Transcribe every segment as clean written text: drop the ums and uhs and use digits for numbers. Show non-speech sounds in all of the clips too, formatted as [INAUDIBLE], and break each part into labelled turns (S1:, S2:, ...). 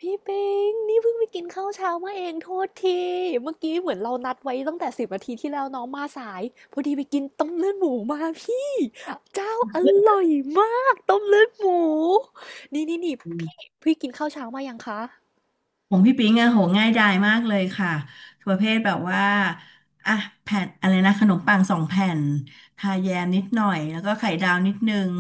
S1: พี่ปิงนี่เพิ่งไปกินข้าวเช้ามาเองโทษทีเมื่อกี้เหมือนเรานัดไว้ตั้งแต่สิบนาทีที่แล้วน้องมาสายพอดีไปกินต้มเลือดหมูมาพี่เจ้าอร่อยมากต้มเลือดหมูนี่พี่พี่กินข้าวเช้ามายังคะ
S2: ของพี่ปิงอะโหง่ายดายมากเลยค่ะประเภทแบบว่าอ่ะแผ่นอะไรนะขนมปังสองแผ่นทาแยมนิดหน่อยแล้วก็ไข่ดาวนิดนึง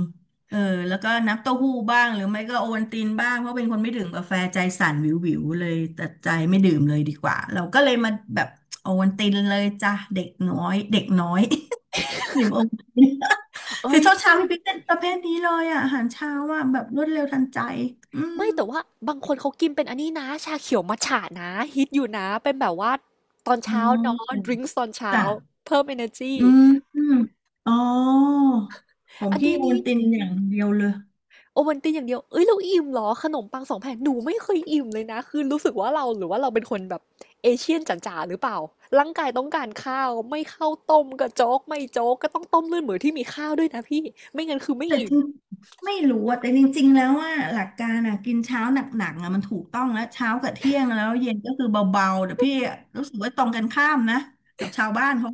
S2: เออแล้วก็น้ำเต้าหู้บ้างหรือไม่ก็โอวัลตินบ้างเพราะเป็นคนไม่ดื่มกาแฟใจสั่นวิววิวเลยตัดใจไม่ดื่มเลยดีกว่าเราก็เลยมาแบบโอวัลตินเลยจ้ะเด็กน้อยเด็กน้อย [LAUGHS] ดื่มโอวัลติน
S1: เอ้
S2: [LAUGHS] คือ
S1: ย
S2: เช้าเช้าพี่ปิ๊กเป็นประเภทนี้เลยอะอาหารเช้าอะแบบรวดเร็วทันใจอืม
S1: ไม่แต่ว่าบางคนเขากินเป็นอันนี้นะชาเขียวมัทฉะนะฮิตอยู่นะเป็นแบบว่าตอน
S2: อ๋อ
S1: เช้าเนาะดริงก์ตอนเช้า
S2: จ้ะ
S1: เพิ่ม energy
S2: อืมอืมอ๋อของ
S1: อัน
S2: พี่
S1: นี้
S2: โอ
S1: นี่
S2: นตินอย่างเดียวเลย
S1: โอวัลตินอย่างเดียวเอ้ยเราอิ่มเหรอขนมปังสองแผ่นหนูไม่เคยอิ่มเลยนะคือรู้สึกว่าเราหรือว่าเราเป็นคนแบบเอเชียนจ๋าๆหรือเปล่าร่างกายต้องการข้าวไม่ข้าวต้มก็โจ๊กไม่โจ๊กก็ต้องต้มเลือดหมูที่มีข้าวด้วยนะพี่ไม่งั้นคือไม่
S2: แต่
S1: อิ่
S2: จ
S1: ม
S2: ริงไม่รู้อะแต่จริงๆแล้วว่าหลักการอะกินเช้าหนักๆอะมันถูกต้องแล้วเช้ากับเที่ยงแล้วเย็นก็คือเบาๆแต่พี่รู้สึกว่าตรงกันข้ามนะกับชาวบ้านเขา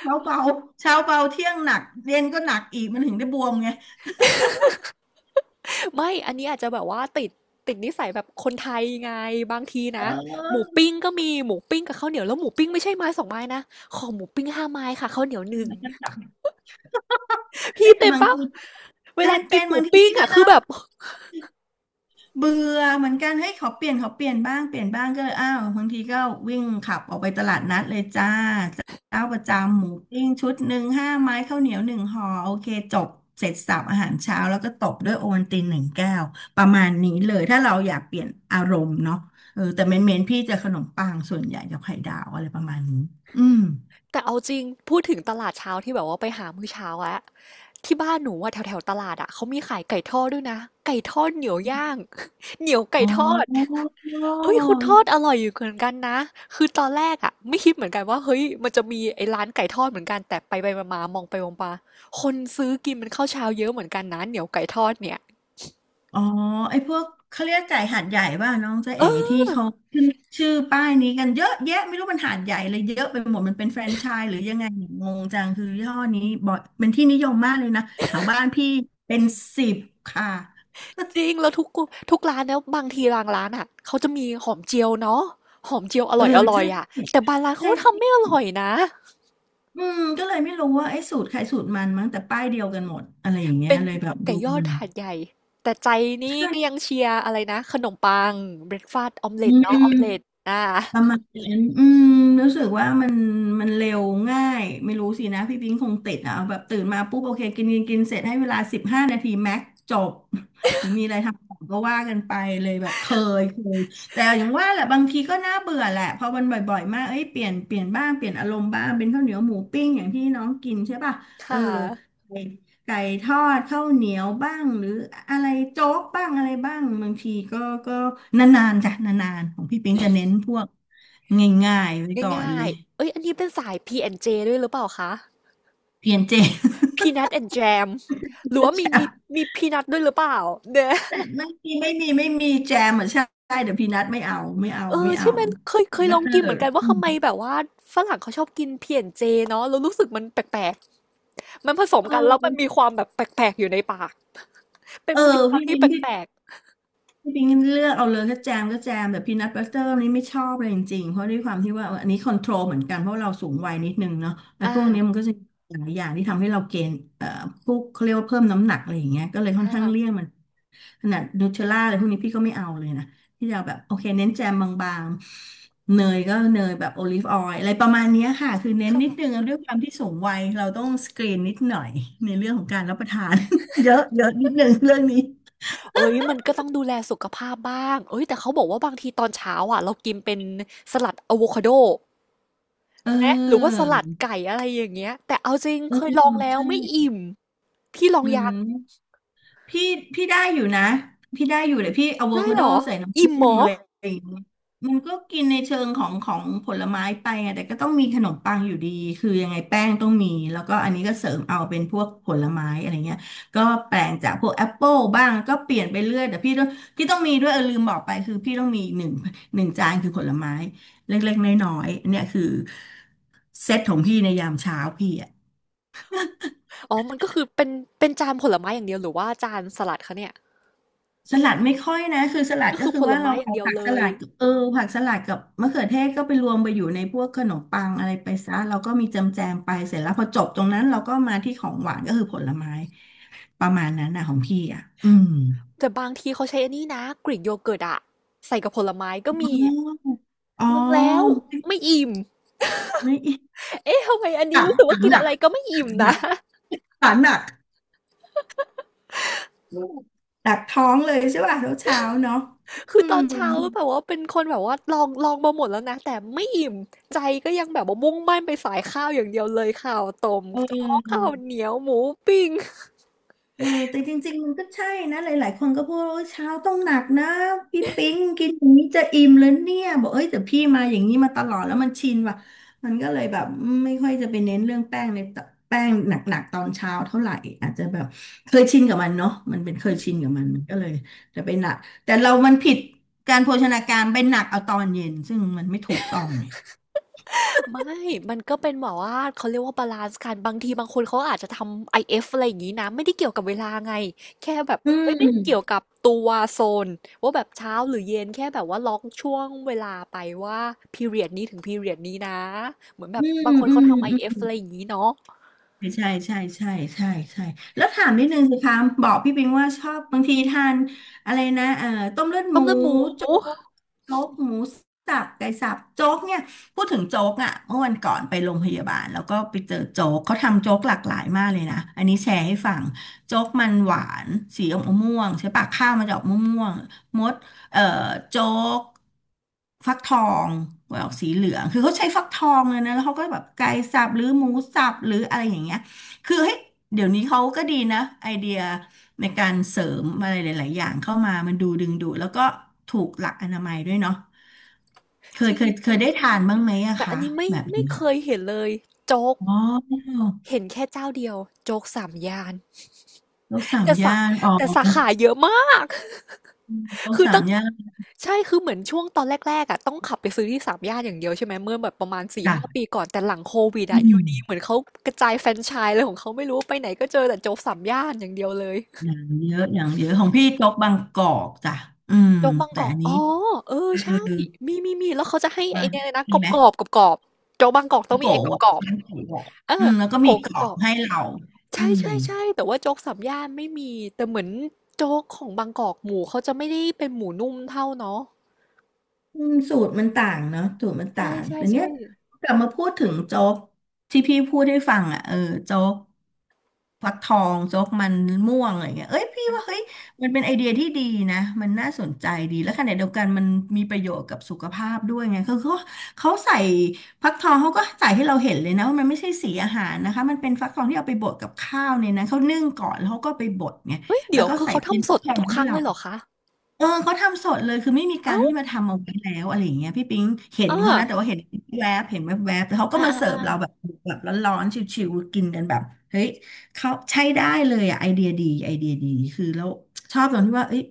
S2: เช้าเบาเช้าเบาเที่ยงหนักเย็นก็หนักอีกมันถึงได้บวมไง
S1: ไม่อันนี้อาจจะแบบว่าติดนิสัยแบบคนไทยไงบางที
S2: เอ
S1: นะหมู
S2: อ
S1: ปิ้งก็มีหมูปิ้งกับข้าวเหนียวแล้วหมูปิ้งไม่ใช่ไม้สองไม้นะขอหมูปิ้งห้าไม้ค่ะข้าวเหนียวหนึ่ง
S2: มันก็กลับ
S1: [LAUGHS] พี่
S2: เฮ้ยแต่
S1: เป็น
S2: บาง
S1: ปะ
S2: ที
S1: เว
S2: เป
S1: ลากิน
S2: ็น
S1: ห
S2: ๆ
S1: มู
S2: บางที
S1: ปิ้ง
S2: พี่
S1: อะ
S2: ก็
S1: คือแบบ
S2: เบื่อเหมือนกันเฮ้ยขอเปลี่ยนบ้างเปลี่ยนบ้างก็เลยอ้าวบางทีก็วิ่งขับออกไปตลาดนัดเลยจ้าเจ้าประจำหมูปิ้งชุดหนึ่งห้าไม้ข้าวเหนียวหนึ่งห่อโอเคจบเสร็จสับอาหารเช้าแล้วก็ตบด้วยโอวัลตินหนึ่งแก้วประมาณนี้เลยถ้าเราอยากเปลี่ยนอารมณ์เนาะเออแต่เมนพี่จะขนมปังส่วนใหญ่กับไข่ดาวอะไรประมาณนี้อืม
S1: แต่เอาจริงพูดถึงตลาดเช้าที่แบบว่าไปหามื้อเช้าอะที่บ้านหนูอะแถวๆตลาดอะเขามีขายไก่ทอดด้วยนะไก่ทอดเหนียวย่าง [LAUGHS] เหนียวไก่
S2: โ
S1: ทอด
S2: อ
S1: เฮ้ยคุณ
S2: ้
S1: ทอดอร่อยอยู่เหมือนกันนะคือตอนแรกอะไม่คิดเหมือนกันว่าเฮ้ยมันจะมีไอ้ร้านไก่ทอดเหมือนกันแต่ไปมาๆมองไปมองมาคนซื้อกินมันข้าวเช้าเยอะเหมือนกันนะเหนียวไก่ทอดเนี่ย
S2: อ๋อไอ้พวกเขาเรียกไก่หาดใหญ่ป่ะน้องเจ๊เอ๋ที่
S1: เออ
S2: เขาขึ้นชื่อป้ายนี้กันเยอะแยะไม่รู้มันหาดใหญ่เลยเยอะไปหมดมันเป็นแฟรนไชส์หรือยังไงเนี่ยงงจังคือยี่ห้อนี้บ่อยเป็นที่นิยมมากเลยนะแถวบ้านพี่เป็นสิบค่ะ
S1: จริงแล้วทุกร้านแล้วบางทีบางร้านอ่ะเขาจะมีหอมเจียวเนาะหอมเจียวอ
S2: เออ
S1: ร่อยอร่อ
S2: ใช่
S1: ยอ่ะแต่บางร้านเขา
S2: ใช่
S1: ก็
S2: ใช
S1: ทำไม่
S2: ่
S1: อร่อยนะ
S2: อืมก็เลยไม่รู้ว่าไอ้สูตรใครสูตรมันมั้งแต่ป้ายเดียวกันหมดอะไรอย่างเงี้ย
S1: เป็น
S2: เลยแบบ
S1: ไก่
S2: ดู
S1: ยอด
S2: มัน
S1: หาดใหญ่แต่ใจนี่ก็ยังเชียร์อะไรนะขนมปังเบรกฟาสต์ออมเล็
S2: อื
S1: ตเนาะออ
S2: ม
S1: มเล็ตอ่า
S2: ประมาณนั้นอืมรู้สึกว่ามันมันเร็วง่ายไม่รู้สินะพี่ปิ๊งคงติดอ่ะเอาแบบตื่นมาปุ๊บโอเคกินกินกินเสร็จให้เวลาสิบห้านาทีแม็กจบ [LAUGHS] หรือมีอะไรทำต่อก็ว่ากันไปเลยแบบเคยแต่อย่างว่าแหละบางทีก็น่าเบื่อแหละพอมันบ่อยๆมากเอ้ยเปลี่ยนบ้างเปลี่ยนอารมณ์บ้างเป็นข้าวเหนียวหมูปิ้งอย่างที่น้องกินใช่ป่ะเออ
S1: ค่ะ
S2: ไก่ไก่ทอดข้าวเหนียวบ้างหรืออะไรโจ๊กบ้างอะไรบ้างบางทีก็ก็นานๆจ้ะนานๆของพี่ปิ๊งจะเน้นพวก ง่ายๆไว้ก่อน
S1: ง่า
S2: เล
S1: ย
S2: ย
S1: ๆเอ้ยอันนี้เป็นสาย P&J ดเจด้วยหรือเปล่าคะ
S2: เพียนเจม
S1: Peanut and Jam หรือว่ามี
S2: แจ
S1: มี
S2: ม
S1: มีพีนัทด้วยหรือเปล่าเนี่ย
S2: แต่ไม่มีไม่มีไม่มีแจมเหมือนใช่เดี๋ยวพี่นัทไม่เอาไม่เอา
S1: เออ
S2: ไม่
S1: ใช่
S2: เอา
S1: ไหมเคย
S2: บั
S1: ล
S2: ต
S1: อง
S2: เตอ
S1: กินเห
S2: ร์
S1: มือนกันว่าทำไมแบบว่าฝรั่งเขาชอบกิน P&J เจเนาะแล้วรู้สึกมันแปลกๆมันผสม
S2: เ
S1: กันแล้วมัน
S2: ออ
S1: มีความแบบแปลกๆอยู่ในปากเป็น
S2: เออ
S1: มื้อเช้า
S2: พี่
S1: ที่
S2: มิ้น
S1: แป
S2: พี่
S1: ลก
S2: พี่ปิงเลือกเอาเลยก็แจมก็แจมแบบพีนัทบัตเตอร์นี่ไม่ชอบเลยจริงๆเพราะด้วยความที่ว่าอันนี้คอนโทรลเหมือนกันเพราะเราสูงวัยนิดนึงเนาะ
S1: ๆ
S2: ไอ้พวกเนี้ยมันก็จะมีหลายอย่างที่ทำให้เราเกณฑ์พวกเขาเรียกว่าเพิ่มน้ำหนักอะไรอย่างเงี้ยก็เลยค่อนข้างเลี่ย
S1: อ่า
S2: งมันขนาดนูเทลล่าอะไรพวกนี้พี่ก็ไม่เอาเลยนะพี่จะเอาแบบโอเคเน้นแจมบางๆเนยก็เนยแบบโอลิฟออยล์อะไรประมาณเนี้ยค่ะคือเน้นนิดนึ
S1: ค่ะ
S2: งแล้วด้วยความที่สูงวัยเราต้องสกรีนนิดหน่อยในเรื่องของการรับประทาน [LAUGHS] เยอะเยอะนิดนึงเรื่องนี้
S1: เอ้ยมันก็ต้องดูแลสุขภาพบ้างเอ้ยแต่เขาบอกว่าบางทีตอนเช้าอ่ะเรากินเป็นสลัดอะโวคาโด
S2: เ
S1: แม้หรือว่าสลัด
S2: ออ
S1: ไก่อะไรอย่างเงี้ยแต่เอาจริง
S2: เอ
S1: เค
S2: อ
S1: ยลองแล้ว
S2: ใช่
S1: ไม่อิ่มพี่ลอง
S2: มัน
S1: ยัง
S2: พี่พี่ได้อยู่นะพี่ได้อยู่เลยพี่อะโว
S1: ได้
S2: คา
S1: เห
S2: โด
S1: รอ
S2: ใส่น้ำ
S1: อิ่
S2: ผึ้
S1: มเหม
S2: ง
S1: อ
S2: อะไรอย่างเงี้ยมันก็กินในเชิงของของผลไม้ไปไงแต่ก็ต้องมีขนมปังอยู่ดีคือยังไงแป้งต้องมีแล้วก็อันนี้ก็เสริมเอาเป็นพวกผลไม้อะไรเงี้ยก็แปลงจากพวกแอปเปิลบ้างก็เปลี่ยนไปเรื่อยแต่พี่ต้องมีด้วยเออลืมบอกไปคือพี่ต้องมีหนึ่งจานคือผลไม้เล็กๆน้อยๆเนี่ยคือเซตของพี่ในยามเช้าพี่
S1: อ๋อมันก็คือเป็นจานผลไม้อย่างเดียวหรือว่าจานสลัดคะเนี่ย
S2: สลัดไม่ค่อยนะคือสลัด
S1: ก็
S2: ก็
S1: คือ
S2: คือ
S1: ผล
S2: ว่าเรา
S1: ไม้อย่าง
S2: เอา
S1: เดียว
S2: ผัก
S1: เล
S2: ส
S1: ย
S2: ลัดกับเออผักสลัดกับมะเขือเทศก็ไปรวมไปอยู่ในพวกขนมปังอะไรไปซะเราก็มีแจมแจมไปเสร็จแล้วพอจบตรงนั้นเราก็มาที่ของหวานก็คือผลไม้ประมาณนั้นนะของพี่อ่ะอืม
S1: แต่บางทีเขาใช้อันนี้นะกรีกโยเกิร์ตอะใส่กับผลไม้ก็
S2: อ๋
S1: มี
S2: ออ๋
S1: ลองแล้ว
S2: อ
S1: ไม่อิ่ม
S2: ไม่
S1: เอ๊ะทำไมอันนี้
S2: ขัง
S1: รู้สึก
S2: ขั
S1: ว่า
S2: ง
S1: กิน
S2: หนั
S1: อะ
S2: ก
S1: ไรก็ไม่
S2: ขั
S1: อิ่ม
S2: งห
S1: นะ
S2: นักขังหนักหนักท้องเลยใช่ป่ะเช้าเช้าเนาะ
S1: คื
S2: อื
S1: อตอ
S2: ม
S1: นเช้าแบบว่าเป็นคนแบบว่าลองมาหมดแล้วนะแต่ไม่อิ่มใจก็ยังแบบว่ามุ่งมั่นไปสายข้าวอย่างเดียวเลยข้าวต้ม
S2: เ
S1: โจ๊กข้าว
S2: ออ
S1: เหนียวหมูปิ้ง
S2: เออแต่จริงๆมันก็ใช่นะหลายๆคนก็พูดว่าเช้าต้องหนักนะพี่ปิ๊งกินอย่างนี้จะอิ่มเลยเนี่ยบอกเอ้ยแต่พี่มาอย่างนี้มาตลอดแล้วมันชินว่ะมันก็เลยแบบไม่ค่อยจะไปเน้นเรื่องแป้งในแป้งหนักๆตอนเช้าเท่าไหร่อาจจะแบบเคยชินกับมันเนาะมันเป็นเค
S1: อื
S2: ยชิน
S1: ม
S2: กับมันก็เลยจะไปหนักแต่เรามันผิดการโภชนาการไปหนักเอาตอนเย็นซึ่งมันไม่ถูกต้องเนี่ย
S1: ไม่มันก็เป็นแบบว่าเขาเรียกว่าบาลานซ์กันบางทีบางคนเขาอาจจะทำ IF อเอฟอะไรอย่างนี้นะไม่ได้เกี่ยวกับเวลาไงแค่แบบ
S2: อื
S1: เอ้ยไม่ได้เกี่ยว
S2: ม
S1: กับตัวโซนว่าแบบเช้าหรือเย็นแค่แบบว่าล็อกช่วงเวลาไปว่า period นี้ถึง period นี้นะเหมือนแบ
S2: อื
S1: บ
S2: ม
S1: บางคน
S2: อื
S1: เขา
S2: ม
S1: ทำ i
S2: อื
S1: เอฟ
S2: ม
S1: อะไรอย่างนี้เนาะ
S2: ใช่ใช่ใช่ใช่ใช่ใช่แล้วถามนิดนึงสิคะบอกพี่ปิงว่าชอบบางทีทานอะไรนะต้มเลือดห
S1: ต้
S2: มู
S1: มเลือดหมู
S2: โจ๊กโจ๊กหมูสับไก่สับโจ๊กเนี่ยพูดถึงโจ๊กอ่ะเมื่อวันก่อนไปโรงพยาบาลแล้วก็ไปเจอโจ๊กเขาทำโจ๊กหลากหลายมากเลยนะอันนี้แชร์ให้ฟังโจ๊กมันหวานสีอมม่วงใช่ปะข้าวมันจะออกม่วงๆมด เอ่อโจ๊กฟักทองไว้ออกสีเหลืองคือเขาใช้ฟักทองเลยนะแล้วเขาก็แบบไก่สับหรือหมูสับหรืออะไรอย่างเงี้ยคือเฮ้ยเดี๋ยวนี้เขาก็ดีนะไอเดียในการเสริมอะไรหลายๆอย่างเข้ามามันดูดึงดูดแล้วก็ถูกหลักอนามัยด้วยเนาะ
S1: จริงจ
S2: เค
S1: ริ
S2: ย
S1: ง
S2: ได้ทานบ้างไหมอะ
S1: แต่อั
S2: คะ
S1: นนี้ไม่
S2: แบบ
S1: ไม่
S2: นี้
S1: เค
S2: อะ
S1: ยเห็นเลยโจ๊ก
S2: อ๋อ
S1: เห็นแค่เจ้าเดียวโจ๊กสามย่าน
S2: โรคสาม
S1: แต่สา
S2: ย่านอ๋อ
S1: แต่สาขาเยอะมาก
S2: โรค
S1: คือ
S2: สาม
S1: ตั้ง
S2: ย่าน
S1: ใช่คือเหมือนช่วงตอนแรกๆอ่ะต้องขับไปซื้อที่สามย่านอย่างเดียวใช่ไหมเมื่อแบบประมาณสี่ห้าปี
S2: ค่ะ
S1: ก่อนแต่หลังโควิด
S2: อื
S1: อ่ะอยู่
S2: ม
S1: ดีเหมือนเขากระจายแฟรนไชส์อะไรของเขาไม่รู้ไปไหนก็เจอแต่โจ๊กสามย่านอย่างเดียวเลย
S2: อย่างเยอะอย่างเยอะของพี่โต๊ะบางกอกจ้ะอืม
S1: โจ๊กบางก
S2: แต่
S1: อก
S2: อัน
S1: อ๋
S2: นี้
S1: อเออ
S2: เออ
S1: ใช่มีแล้วเขาจะให้ไอ้
S2: มา
S1: เนี่ยเลยนะก
S2: มี
S1: รอบ
S2: ไหม
S1: กรอบกรอบกรอบโจ๊กบางกอกต้อ
S2: น้อ
S1: ง
S2: ง
S1: มี
S2: โกะ
S1: ไอ้กรอบ
S2: อะ
S1: กรอบ
S2: น้องโกะอะ
S1: เออ
S2: อืมแล้วก็
S1: ตะโก
S2: มี
S1: ก
S2: ก
S1: รอบ
S2: รอ
S1: กร
S2: บ
S1: อบ
S2: ให้เรา
S1: ใ
S2: อืม
S1: ช่ๆๆแต่ว่าโจ๊กสามย่านไม่มีแต่เหมือนโจ๊กของบางกอกหมูเขาจะไม่ได้เป็นหมูนุ่มเท่าเนาะ
S2: อืมสูตรมันต่างเนาะสูตรมัน
S1: ใ
S2: ต่างแต่เนี้
S1: ช่
S2: ย
S1: ๆ
S2: กลับมาพูดถึงโจ๊กที่พี่พูดให้ฟังอ่ะเออโจ๊กฟักทองโจ๊กมันม่วงอะไรเงี้ยเอ้ยพี่ว่าเฮ้ยมันเป็นไอเดียที่ดีนะมันน่าสนใจดีแล้วขณะเดียวกันมันมีประโยชน์กับสุขภาพด้วยไงคือเขาใส่ฟักทองเขาก็ใส่ให้เราเห็นเลยนะว่ามันไม่ใช่สีอาหารนะคะมันเป็นฟักทองที่เอาไปบดกับข้าวเนี่ยนะเขานึ่งก่อนแล้วเขาก็ไปบดไง
S1: ๆเฮ้ย
S2: แล้
S1: เดี๋
S2: ว
S1: ยว
S2: ก็
S1: คือ
S2: ใส่
S1: เขา
S2: ชิ้น
S1: ทำส
S2: ฟัก
S1: ด
S2: ทอง
S1: ทุก
S2: มา
S1: ค
S2: ให้
S1: รั้ง
S2: เรา
S1: เลยเหรอคะ
S2: เออเขาทำสดเลยคือไม่มีการ
S1: เอ้าว
S2: ที่มาทำเอาไว้แล้วอะไรอย่างเงี้ยพี่ปิ๊งเห็น
S1: เอา
S2: เขานะแต่ว่าเห็นแวบเห็นแวบแต่เขาก็
S1: อ่า
S2: มาเสิร์
S1: อ่า
S2: ฟเราแบบแบบร้อนๆชิวๆกินกันแบบเฮ้ยเขาใช้ได้เลยอ่ะไอเดียดีไอเดียดีคือแล้วชอบตรงที่ว่าเอ้ย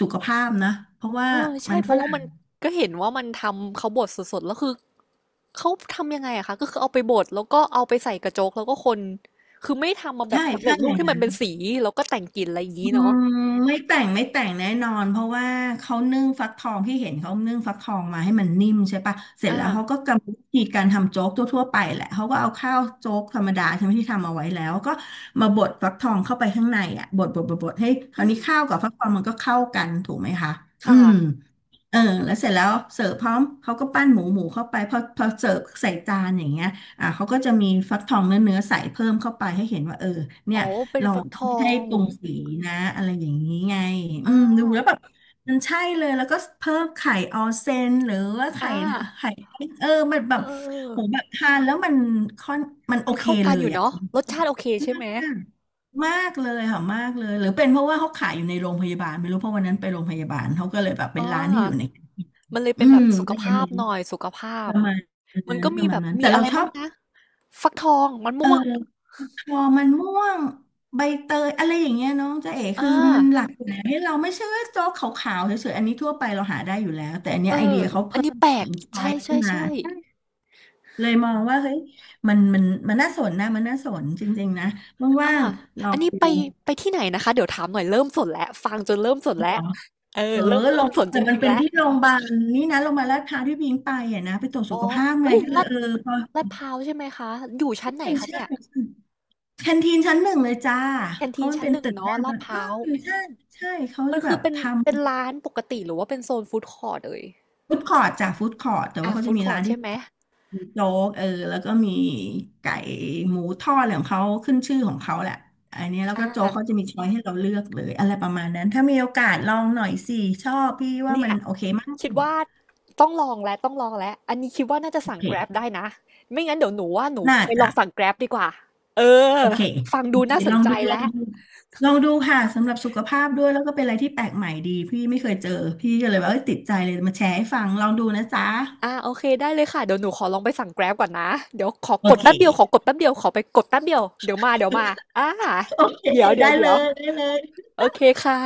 S2: สุขภาพนะเพราะว่า
S1: เออ
S2: มั
S1: ใช่
S2: น
S1: เพ
S2: ฝ
S1: ราะว่า
S2: รั่
S1: มั
S2: ง
S1: นก็เห็นว่ามันทำเขาบดสดๆแล้วคือเขาทำยังไงอะคะก็คือเอาไปบดแล้วก็เอาไปใส่กระโจ๊กแล้วก็คนคือไม่ทำมาแบ
S2: ใช่
S1: บสำเร็
S2: ใช่
S1: จรู
S2: อ
S1: ป
S2: ย่าง
S1: ที่มั
S2: นั้
S1: น
S2: น
S1: เป็นสีแล้วก็แต่งกลิ่นอะไรอย่าง
S2: อื
S1: นี้เนาะ
S2: มไม่แต่งไม่แต่งแน่นอนเพราะว่าเขานึ่งฟักทองที่เห็นเขานึ่งฟักทองมาให้มันนิ่มใช่ปะเสร็จ
S1: อา
S2: แล้วเขาก็กำหนดวิธีการทำโจ๊กทั่วๆไปแหละเขาก็เอาข้าวโจ๊กธรรมดาใช่ไหมที่ทำเอาไว้แล้วก็มาบดฟักทองเข้าไปข้างในอ่ะบดบดบดบดให้ค
S1: อื
S2: ราว
S1: ม
S2: นี้ข้าวกับฟักทองมันก็เข้ากันถูกไหมคะอื
S1: ค่ะ
S2: ม เออแล้วเสร็จแล้วเสิร์ฟพร้อมเขาก็ปั้นหมูเข้าไปพอเสิร์ฟใส่จานอย่างเงี้ยอ่าเขาก็จะมีฟักทองเนื้อใส่เพิ่มเข้าไปให้เห็นว่าเออเนี่
S1: อ๋อ
S2: ย
S1: เป็น
S2: เรา
S1: ฟักทอ
S2: ไม่ให้
S1: ง
S2: ปรุงสีนะอะไรอย่างนี้ไงอื
S1: อา
S2: มดูแล้วแบบมันใช่เลยแล้วก็เพิ่มไข่ออนเซนหรือว่าไข่
S1: อา
S2: ไข่เออมัน
S1: เอ
S2: แบ
S1: อ
S2: บ
S1: เออ
S2: โห
S1: เออ
S2: แบบทานแล้วมันค่อนมันโอ
S1: มัน
S2: เค
S1: เข้ากั
S2: เล
S1: นอ
S2: ย
S1: ยู่
S2: อ่ะ
S1: เนาะรสชาติโอเคใช่ไหม
S2: มากเลยค่ะมากเลยหรือเป็นเพราะว่าเขาขายอยู่ในโรงพยาบาลไม่รู้เพราะวันนั้นไปโรงพยาบาลเขาก็เลยแบบเป็
S1: อ๋อ
S2: นร้านที่อยู่ใน
S1: มันเลย
S2: อื
S1: เป็นแบ
S2: ม
S1: บสุข
S2: ก็เลย
S1: ภาพ
S2: เน้น
S1: หน่อยสุขภา
S2: ป
S1: พ
S2: ระมาณนั้
S1: มัน
S2: น
S1: ก็
S2: ป
S1: มี
S2: ระ
S1: แบ
S2: มาณ
S1: บ
S2: นั้นแต่
S1: มีอะ
S2: เรา
S1: ไร
S2: ชอ
S1: บ้า
S2: บ
S1: งนะฟักทองมัน
S2: เออ
S1: ม่วง
S2: พอมันม่วงใบเตยอะไรอย่างเงี้ยน้องจ๊ะเอ๋
S1: อ่า
S2: คือมันหลากหลายให้เราไม่ใช่ว่าโจ๊กขาวๆเฉยๆอันนี้ทั่วไปเราหาได้อยู่แล้วแต่อันเนี้ย
S1: เอ
S2: ไอเดี
S1: อ
S2: ยเขา
S1: อัน
S2: เพิ่
S1: นี้
S2: ม
S1: แปล
S2: เติ
S1: ก
S2: มซอย
S1: ใช่
S2: เ้
S1: ใช่
S2: นมา
S1: ใช่
S2: ใช่เลยมองว่าเฮ้ยมันน่าสนนะมันน่าสนจริงๆนะ
S1: อ่า
S2: ว่างๆลอ
S1: อัน
S2: ง
S1: นี้
S2: ดู
S1: ไปไปที่ไหนนะคะเดี๋ยวถามหน่อยเริ่มสนแล้วฟังจนเริ่มสนแล้วเออ
S2: เออ
S1: เริ่ม
S2: ล
S1: เริ่ม
S2: ง
S1: สนจ
S2: แต่มัน
S1: ริงๆ
S2: เป็น
S1: แล้ว
S2: ที่โรงพยาบาลนี่นะโรงพยาบาลลาดพร้าวที่พิงไปอ่ะนะไปตรวจ
S1: อ๋อ
S2: สุขภาพไง
S1: เอ้ย
S2: ก็เลยเออพอ
S1: ลาดพร้าวใช่ไหมคะอยู่ชั้นไหน
S2: ใช่
S1: คะ
S2: ใช่
S1: เนี่ย
S2: ใช่แคนทีนชั้นหนึ่งเลยจ้า
S1: แคน
S2: เพ
S1: ที
S2: ราะ
S1: น
S2: มัน
S1: ชั้น
S2: เป็น
S1: หนึ่ง
S2: ตึกแร
S1: เนาะ
S2: ก
S1: ลา
S2: มั
S1: ด
S2: น
S1: พ
S2: เออ
S1: ร้าว
S2: ใช่ใช่เขา
S1: มั
S2: จะ
S1: น
S2: แบ
S1: คือ
S2: บ
S1: เป็น
S2: ทำ
S1: เป็นร้านปกติหรือว่าเป็นโซนฟู้ดคอร์ทเอ่ย
S2: ฟู้ดคอร์ทจ้ะฟู้ดคอร์ทแต่ว่า
S1: อ่ะ
S2: เขาจะ
S1: ฟู้ด
S2: มี
S1: คอร์
S2: ร้า
S1: ท
S2: นที่
S1: ใช่ไหม
S2: มีโจ๊กเออแล้วก็มีไก่หมูทอดอะไรของเขาขึ้นชื่อของเขาแหละอันเนี้ยแล้ว
S1: อ่
S2: ก็โจ๊กเขาจะ
S1: า
S2: มีช้อยให้เราเลือกเลยอะไรประมาณนั้นถ้ามีโอกาสลองหน่อยสิชอบพี่ว่า
S1: เนี่
S2: มัน
S1: ย
S2: โอเคมา
S1: คิด
S2: ก
S1: ว่าต้องลองแล้วต้องลองแล้วอันนี้คิดว่าน่าจะ
S2: โอ
S1: สั่ง
S2: เค
S1: Grab ได้นะไม่งั้นเดี๋ยวหนูว่าหนู
S2: น่า
S1: ไปล
S2: จะ
S1: องสั่ง Grab ดีกว่าเออ
S2: โอเค
S1: ฟัง
S2: โอ
S1: ดู
S2: เค
S1: น่าส
S2: ล
S1: น
S2: อง
S1: ใจ
S2: ดูลอง
S1: แล้ว
S2: ดู ลองดูค่ะสำหรับสุขภาพด้วยแล้วก็เป็นอะไรที่แปลกใหม่ดีพี่ไม่เคยเจอพี่ก็เลยว่าเอ้ยติดใจเลยมาแชร์ให้ฟังลองดูนะจ๊ะ
S1: อ่าโอเคได้เลยค่ะเดี๋ยวหนูขอลองไปสั่ง Grab ก่อนนะเดี๋ยวขอ
S2: โอ
S1: กด
S2: เค
S1: แป๊บเดียวขอกดแป๊บเดียวขอไปกดแป๊บเดียวเดี๋ยวมาเดี๋ยวมาอ่า
S2: โอเค
S1: เดี๋ยวเดี๋
S2: ได้
S1: ยว
S2: เล
S1: เดี๋ยว
S2: ยได้เลย
S1: โอเคค่ะ